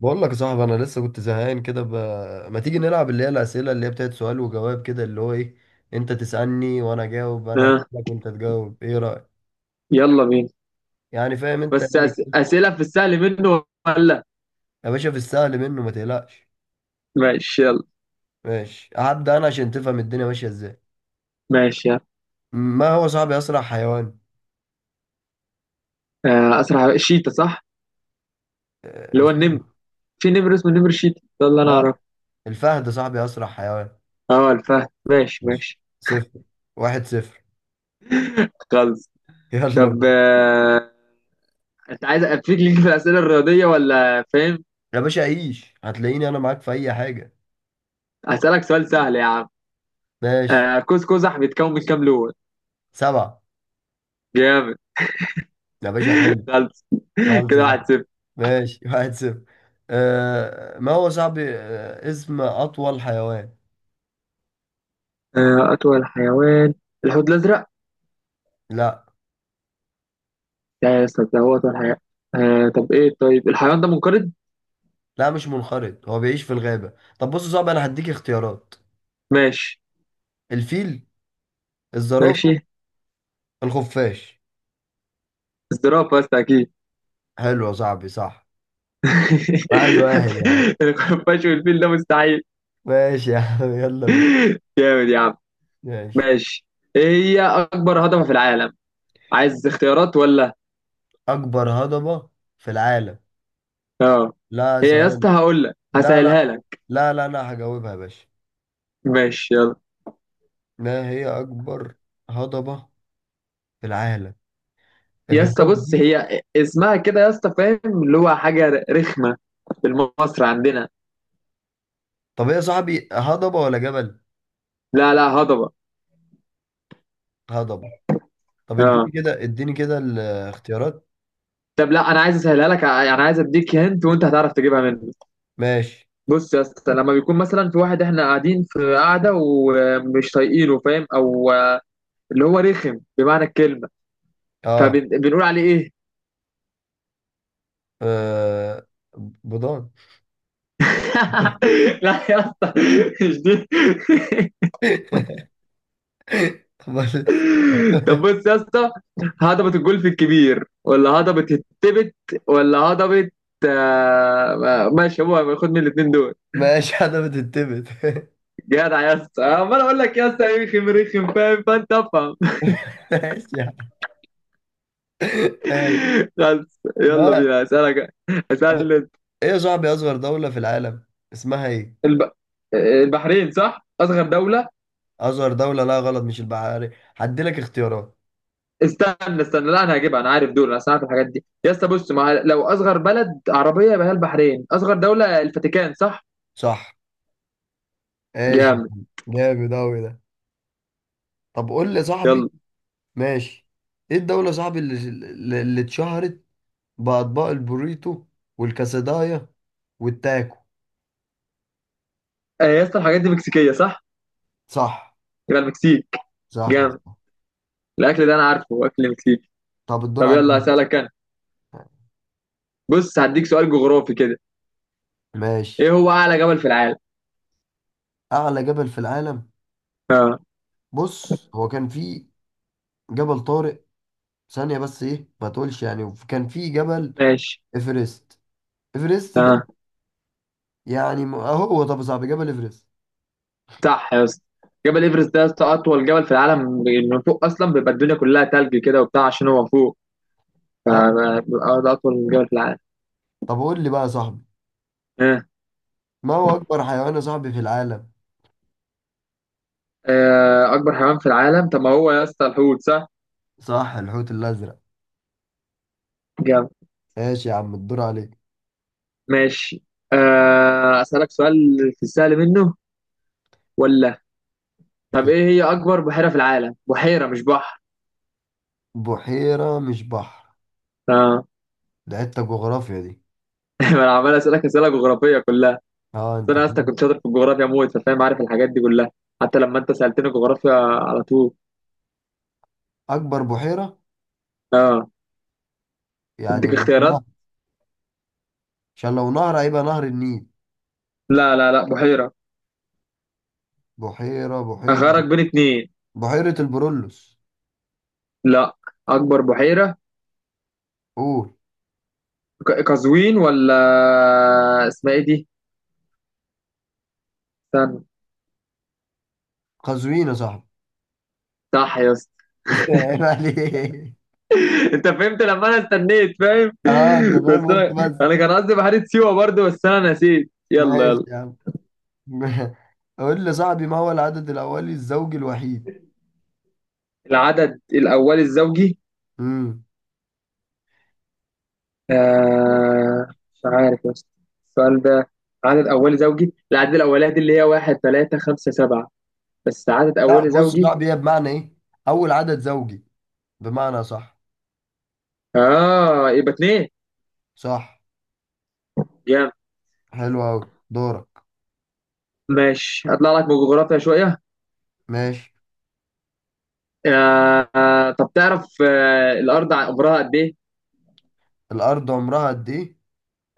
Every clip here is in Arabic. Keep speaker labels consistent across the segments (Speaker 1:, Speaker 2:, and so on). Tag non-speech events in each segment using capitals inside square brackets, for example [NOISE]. Speaker 1: بقول لك يا صاحبي، انا لسه كنت زهقان كده ما تيجي نلعب اللي هي الاسئله، اللي هي بتاعت سؤال وجواب كده، اللي هو ايه، انت تسالني وانا اجاوب، انا
Speaker 2: ها،
Speaker 1: اسالك وانت تجاوب، ايه رايك؟
Speaker 2: يلا بينا.
Speaker 1: يعني فاهم انت،
Speaker 2: بس
Speaker 1: يعني.
Speaker 2: أسئلة في السهل منه ولا؟
Speaker 1: يا باشا، في السهل منه، ما تقلقش.
Speaker 2: ماشي يلا.
Speaker 1: ماشي، هبدا انا عشان تفهم الدنيا ماشيه ازاي.
Speaker 2: ماشي يلا.
Speaker 1: ما هو صاحبي اسرع حيوان؟
Speaker 2: آه، أسرع شيتا، صح؟ اللي هو
Speaker 1: الفهد.
Speaker 2: النمر. في نمر اسمه نمر شيتا ده اللي أنا
Speaker 1: لا،
Speaker 2: أعرفه.
Speaker 1: الفهد صاحبي اسرع حيوان.
Speaker 2: أه الفهد. ماشي
Speaker 1: ماشي.
Speaker 2: ماشي.
Speaker 1: صفر. واحد صفر.
Speaker 2: خلص.
Speaker 1: [LAUGHS] يلا
Speaker 2: طب
Speaker 1: بينا.
Speaker 2: أنت عايز أفيك ليك في الأسئلة الرياضية ولا فاهم؟
Speaker 1: يا باشا عيش، هتلاقيني انا معاك في اي حاجه.
Speaker 2: هسألك سؤال سهل يا عم.
Speaker 1: ماشي.
Speaker 2: آه، قوس قزح بيتكون من كام لون؟
Speaker 1: سبعه.
Speaker 2: جامد.
Speaker 1: يا باشا حلو.
Speaker 2: خلص.
Speaker 1: خلص.
Speaker 2: كده 1-0.
Speaker 1: ماشي. [LAUGHS] واحد صفر. ما هو صاحبي، اسم أطول حيوان؟
Speaker 2: آه، أطول حيوان؟ الحوت الأزرق.
Speaker 1: لا،
Speaker 2: لا يا أستاذ، ده هو أطول حيوان. طب إيه، طيب الحيوان ده منقرض؟
Speaker 1: لا مش منقرض، هو بيعيش في الغابة. طب بص يا صاحبي، أنا هديك اختيارات.
Speaker 2: ماشي.
Speaker 1: الفيل.
Speaker 2: ماشي.
Speaker 1: الزرافة. الخفاش.
Speaker 2: الزرافة بس أكيد.
Speaker 1: حلو يا صاحبي، صح. واحد واحد يا عم.
Speaker 2: [LAUGHS] الخفاش والفيل ده مستحيل.
Speaker 1: [LAUGHS] ماشي يا عم، يلا بينا.
Speaker 2: جامد يا عم.
Speaker 1: ماشي.
Speaker 2: ماشي. إيه هي أكبر هضبة في العالم؟ عايز اختيارات ولا؟
Speaker 1: أكبر هضبة في العالم؟
Speaker 2: اه.
Speaker 1: لا،
Speaker 2: هي يا اسطى
Speaker 1: ثواني.
Speaker 2: هقول لك
Speaker 1: لا
Speaker 2: هسهلها
Speaker 1: لا
Speaker 2: لك.
Speaker 1: لا لا أنا هجاوبها يا باشا.
Speaker 2: ماشي يلا.
Speaker 1: ما هي أكبر هضبة في العالم،
Speaker 2: يا اسطى
Speaker 1: الهضاب
Speaker 2: بص،
Speaker 1: دي؟
Speaker 2: هي اسمها كده يا اسطى، فاهم، اللي هو حاجة رخمة في مصر عندنا.
Speaker 1: طب هي يا صاحبي هضبة ولا جبل؟
Speaker 2: لا لا هضبة.
Speaker 1: هضبة. طب اديني
Speaker 2: اه.
Speaker 1: كده، اديني كده الاختيارات.
Speaker 2: طب لا، أنا عايز أسهلها لك، يعني عايز أديك هنت وأنت هتعرف تجيبها مني.
Speaker 1: ماشي.
Speaker 2: بص يا اسطى، لما بيكون مثلا في واحد احنا قاعدين في قاعده ومش طايقينه، فاهم، او اللي هو رخم بمعنى الكلمه،
Speaker 1: اه.
Speaker 2: فبنقول عليه ايه؟
Speaker 1: آه. بضان.
Speaker 2: [LAUGHS] لا يا اسطى، مش دي.
Speaker 1: [LAUGHS] بس-
Speaker 2: [LAUGHS] طب بص يا اسطى، هضبة الجولف الكبير ولا هضبة التبت ولا هضبة، ماشي هو خد من الاثنين دول.
Speaker 1: ماشي حاجة بتتبت. [LAUGHS]
Speaker 2: جدع يا اسطى، عمال اقول لك يا اسطى رخم رخم، فاهم، فانت افهم.
Speaker 1: ماشي يعني. ماشي.
Speaker 2: [LAUGHS] خلاص، يلا
Speaker 1: ما.
Speaker 2: بينا، اسالك.
Speaker 1: طب
Speaker 2: اسالني.
Speaker 1: ايه يا صاحبي اصغر دولة في العالم، اسمها ايه؟
Speaker 2: الب... البحرين صح، اصغر دوله؟
Speaker 1: اصغر دولة؟ لا غلط، مش البحاري. هديلك اختيارات.
Speaker 2: استنى استنى، لا، انا هجيبها، انا عارف دول، انا عارف الحاجات دي يا اسطى. بص، لو اصغر بلد عربيه يبقى هي البحرين، اصغر دوله الفاتيكان، صح؟
Speaker 1: صح. ماشي.
Speaker 2: جامد.
Speaker 1: جامد اوي ده. طب قول لي يا صاحبي.
Speaker 2: يلا.
Speaker 1: ماشي. ايه الدولة يا صاحبي اللي اتشهرت بأطباق البوريتو والكاسدايا والتاكو؟
Speaker 2: آه، يا اسطى الحاجات دي مكسيكيه، صح؟
Speaker 1: صح.
Speaker 2: يبقى المكسيك.
Speaker 1: صح.
Speaker 2: جامد. الاكل ده انا عارفه اكل مكسيكي.
Speaker 1: طب الدور
Speaker 2: طب
Speaker 1: عليك.
Speaker 2: يلا، هسألك انا. بص هديك سؤال جغرافي كده. ايه
Speaker 1: ماشي.
Speaker 2: هو اعلى جبل في العالم؟
Speaker 1: اعلى جبل في العالم؟
Speaker 2: اه.
Speaker 1: بص، هو كان في جبل طارق. ثانية بس، ايه ما تقولش يعني كان في جبل.
Speaker 2: ماشي.
Speaker 1: ايفرست. ايفرست ده.
Speaker 2: اه.
Speaker 1: يعني اهو. طب يا صاحبي، جبل ايفرست.
Speaker 2: صح يا اسطى، جبل ايفرست ده يا اسطى اطول جبل في العالم. من فوق اصلا بيبقى الدنيا كلها تلج كده وبتاع عشان هو فوق.
Speaker 1: اه.
Speaker 2: بيبقى ده أطول جبل في العالم.
Speaker 1: طب قول لي بقى يا صاحبي.
Speaker 2: ها.
Speaker 1: ما هو اكبر حيوان يا صاحبي في العالم؟
Speaker 2: آه، أكبر حيوان في العالم؟ طب ما هو يا اسطى الحوت، صح؟
Speaker 1: صح، الحوت الازرق.
Speaker 2: جامد.
Speaker 1: ماشي يا عم، الدور عليك.
Speaker 2: ماشي. آه، أسألك سؤال في السهل منه ولا؟ طب إيه هي أكبر بحيرة في العالم؟ بحيرة مش بحر.
Speaker 1: بحيرة مش بحر.
Speaker 2: آه.
Speaker 1: ده حتة جغرافيا دي.
Speaker 2: [LAUGHS] ما أنا عمال أسألك أسئلة جغرافية كلها. بس
Speaker 1: اه انت
Speaker 2: أنا يا اسطى
Speaker 1: فاهم.
Speaker 2: كنت شاطر في الجغرافيا موت، فاهم، عارف الحاجات دي كلها. حتى لما أنت سألتني جغرافيا على طول.
Speaker 1: اكبر بحيرة،
Speaker 2: آه.
Speaker 1: يعني
Speaker 2: أديك
Speaker 1: مش
Speaker 2: اختيارات؟
Speaker 1: نهر؟ عشان لو نهر هيبقى نهر النيل.
Speaker 2: لا لا لا، بحيرة.
Speaker 1: بحيرة، بحيرة.
Speaker 2: أخيرك بين اتنين.
Speaker 1: بحيرة البرولوس.
Speaker 2: لا. أكبر بحيرة.
Speaker 1: قول.
Speaker 2: قزوين ولا اسمها إيه دي؟ استنى.
Speaker 1: قزوين يا صاحبي.
Speaker 2: صح يا اسطى.
Speaker 1: [LAUGHS] عيب عليك.
Speaker 2: [LAUGHS] انت فهمت لما انا استنيت، فاهم؟ [LAUGHS]
Speaker 1: اه انت
Speaker 2: بس
Speaker 1: فاهم، وانت
Speaker 2: انا
Speaker 1: بس.
Speaker 2: انا كان قصدي بحيرة سيوة برضو، بس انا نسيت. يلا
Speaker 1: ماشي
Speaker 2: يلا.
Speaker 1: يا عم. [LAUGHS] قول لي يا صاحبي، ما هو العدد الأولي الزوجي الوحيد؟
Speaker 2: العدد الاولي الزوجي،
Speaker 1: امم
Speaker 2: مش عارف يا اسطى السؤال ده. عدد اولي زوجي، العدد الاولاني دي اللي هي واحد ثلاثة خمسة سبعة، بس عدد
Speaker 1: لا
Speaker 2: اولي
Speaker 1: بص يا
Speaker 2: زوجي.
Speaker 1: صاحبي، هي بمعنى ايه؟ أول عدد زوجي، بمعنى. صح.
Speaker 2: اه، يبقى اتنين.
Speaker 1: صح.
Speaker 2: جامد.
Speaker 1: حلو أوي. دورك.
Speaker 2: ماشي، هطلع لك بجغرافيا شوية.
Speaker 1: ماشي.
Speaker 2: طب تعرف، الارض عمرها قد ايه؟
Speaker 1: الأرض عمرها قد ايه؟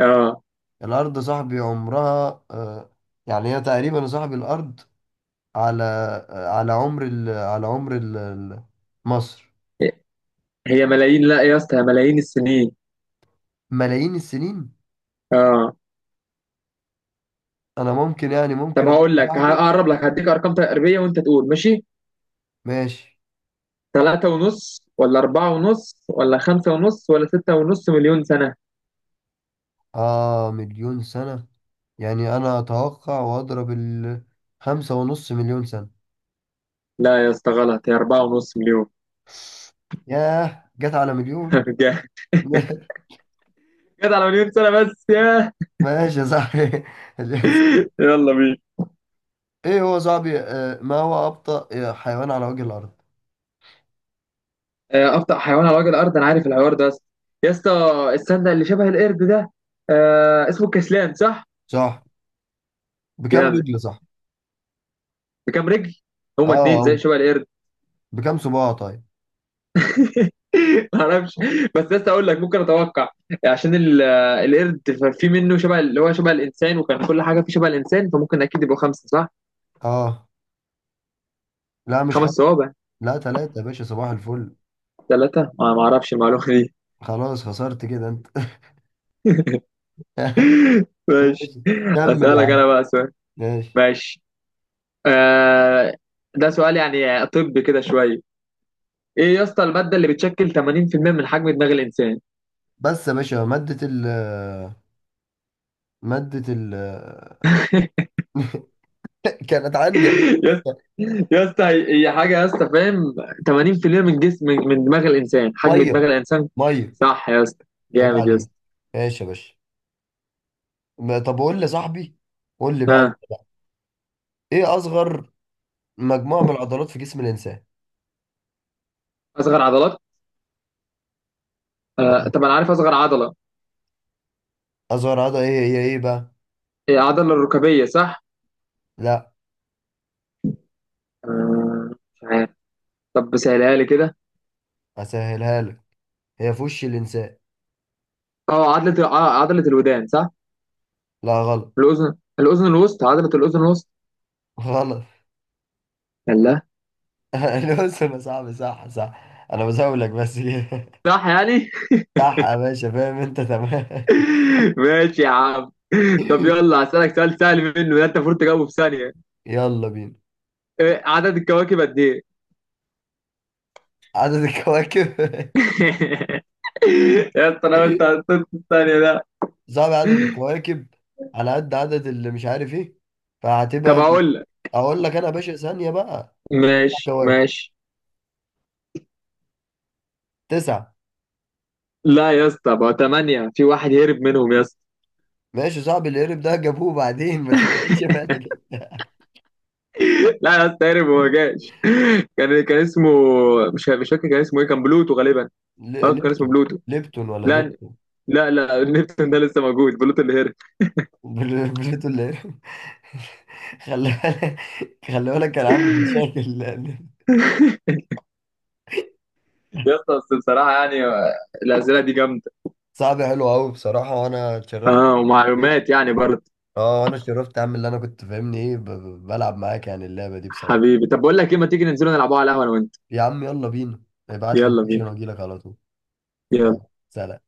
Speaker 2: اه.
Speaker 1: الأرض يا صاحبي عمرها آه، يعني هي تقريبا يا صاحبي، الأرض على، على عمر مصر.
Speaker 2: هي ملايين، لا يا اسطى هي ملايين السنين.
Speaker 1: ملايين السنين.
Speaker 2: اه.
Speaker 1: انا ممكن، يعني ممكن
Speaker 2: طب
Speaker 1: اقول
Speaker 2: هقول لك،
Speaker 1: لصاحبي.
Speaker 2: هقرب لك، هديك ارقام تقريبيه وانت تقول ماشي.
Speaker 1: ماشي.
Speaker 2: ثلاثة ونص ولا أربعة ونص ولا خمسة ونص ولا ستة ونص مليون سنة.
Speaker 1: اه، مليون سنة. يعني انا اتوقع، واضرب ال، خمسة ونص مليون سنة.
Speaker 2: لا يا اسطى غلط، هي أربعة ونص مليون.
Speaker 1: ياه، جت على مليون.
Speaker 2: [LAUGHS] جد. جد، على مليون سنة بس يا...
Speaker 1: [LAUGHS] ماشي يا صاحبي. [LAUGHS] مليون سنة.
Speaker 2: يلا بينا.
Speaker 1: ايه هو صاحبي، ما هو ابطأ حيوان على وجه الارض؟
Speaker 2: آه، أبطأ حيوان على وجه الأرض. أنا عارف الحوار ده يا اسطى. يا اسطى السنة اللي شبه القرد ده، آه اسمه الكسلان، صح؟
Speaker 1: صح. بكم
Speaker 2: جامد.
Speaker 1: رجل، صح؟
Speaker 2: بكام رجل؟ هما اتنين
Speaker 1: اه،
Speaker 2: زي
Speaker 1: أو
Speaker 2: شبه القرد.
Speaker 1: بكم صباع؟ طيب.
Speaker 2: [LAUGHS] ما اعرفش. بس لسه اقول لك ممكن اتوقع عشان القرد في منه شبه اللي هو شبه الانسان، وكان كل حاجه فيه شبه الانسان، فممكن اكيد يبقوا خمسه، صح؟
Speaker 1: اه. لا مش
Speaker 2: خمس
Speaker 1: خمسة.
Speaker 2: صوابع.
Speaker 1: لا ثلاثة يا باشا، صباح الفل.
Speaker 2: ثلاثه، ما ما اعرفش المعلومه دي.
Speaker 1: خلاص خسرت كده انت. [LAUGHS]
Speaker 2: [LAUGHS] ماشي.
Speaker 1: ماشي. كمل يا
Speaker 2: اسالك
Speaker 1: عم.
Speaker 2: انا بقى سؤال.
Speaker 1: ماشي.
Speaker 2: ماشي. آه، ده سؤال يعني طب كده شويه. ايه يا اسطى الماده اللي بتشكل 80% من حجم دماغ الانسان؟
Speaker 1: بس يا باشا، مادة ال، مادة ال. [LAUGHS] كانت عندي يا
Speaker 2: [LAUGHS]
Speaker 1: باشا.
Speaker 2: يا اسطى هي هي حاجه يا اسطى، فاهم. 80% من جسم، من دماغ الانسان، حجم دماغ
Speaker 1: مية.
Speaker 2: الانسان.
Speaker 1: مية.
Speaker 2: صح يا اسطى.
Speaker 1: عيب
Speaker 2: جامد يا
Speaker 1: عليك.
Speaker 2: اسطى.
Speaker 1: ماشي يا باشا. طب قول لي يا صاحبي، قول لي بقى،
Speaker 2: ها.
Speaker 1: ايه اصغر مجموعة من العضلات في جسم الانسان؟
Speaker 2: اصغر عضلات. آه طب انا عارف اصغر عضله،
Speaker 1: اصغر عضلة، ايه هي ايه بقى؟
Speaker 2: هي عضله الركبيه، صح؟
Speaker 1: لا.
Speaker 2: آه مش عارف. طب سهلها لي كده.
Speaker 1: اسهلها لك، هي في وش الانسان.
Speaker 2: اه، عضله عضله الودان، صح؟
Speaker 1: لا غلط.
Speaker 2: الاذن الوسطى، عضله الاذن الوسطى.
Speaker 1: غلط.
Speaker 2: الله.
Speaker 1: [LAUGHS] الوسم يا صاحبي، صح صح، انا بزاولك بس كده.
Speaker 2: صح يعني.
Speaker 1: صح يا باشا، فاهم انت، تمام.
Speaker 2: [LAUGHS] ماشي يا عم. طب
Speaker 1: [LAUGHS]
Speaker 2: يلا، هسألك سؤال سهل منه ده انت المفروض تجاوبه في ثانيه.
Speaker 1: يلا بينا.
Speaker 2: آه، عدد الكواكب قد ايه؟
Speaker 1: عدد الكواكب. [LAUGHS]
Speaker 2: يا اسطى انا، انت حطيت الثانية ده.
Speaker 1: صعب عدد الكواكب، على قد عدد اللي مش عارف ايه،
Speaker 2: طب
Speaker 1: فهتبقى.
Speaker 2: اقول لك.
Speaker 1: اقول لك انا يا باشا، ثانية بقى.
Speaker 2: ماشي
Speaker 1: كواكب.
Speaker 2: ماشي.
Speaker 1: تسعة.
Speaker 2: لا يا اسطى، بقى ثمانية، في واحد هرب منهم يا اسطى.
Speaker 1: ماشي، صعب. القرب ده جابوه بعدين، ما تشغلش بالك.
Speaker 2: [LAUGHS] لا يا اسطى، هرب وما جاش. [LAUGHS] كان اسمه، مش فاكر كان اسمه ايه، كان بلوتو غالبا.
Speaker 1: [LAUGHS]
Speaker 2: اه كان اسمه
Speaker 1: نبتون.
Speaker 2: بلوتو.
Speaker 1: ليبتون ولا
Speaker 2: لا
Speaker 1: ليبتون؟
Speaker 2: لا لا، نيبتون ده لسه موجود، بلوتو اللي هرب.
Speaker 1: بليتون اللي. [LAUGHS] خلي بالك، خلي بالك، كان عامل مشاكل.
Speaker 2: يا اسطى بس بصراحة يعني، آه، الأسئلة دي جامدة.
Speaker 1: [LAUGHS] صعب. حلو قوي بصراحة، وانا اتشرفت.
Speaker 2: اه، ومعلومات يعني برضه.
Speaker 1: اه، انا اتشرفت يا عم. اللي انا كنت فاهمني ايه، بلعب معاك يعني اللعبة دي بصراحة.
Speaker 2: حبيبي طب بقول لك ايه، ما تيجي ننزلوا نلعبوها على القهوة انا وانت.
Speaker 1: يا عم يلا بينا، ابعت لي
Speaker 2: يلا
Speaker 1: اللوكيشن
Speaker 2: بينا.
Speaker 1: واجي لك على طول.
Speaker 2: يلا.
Speaker 1: يلا سلام.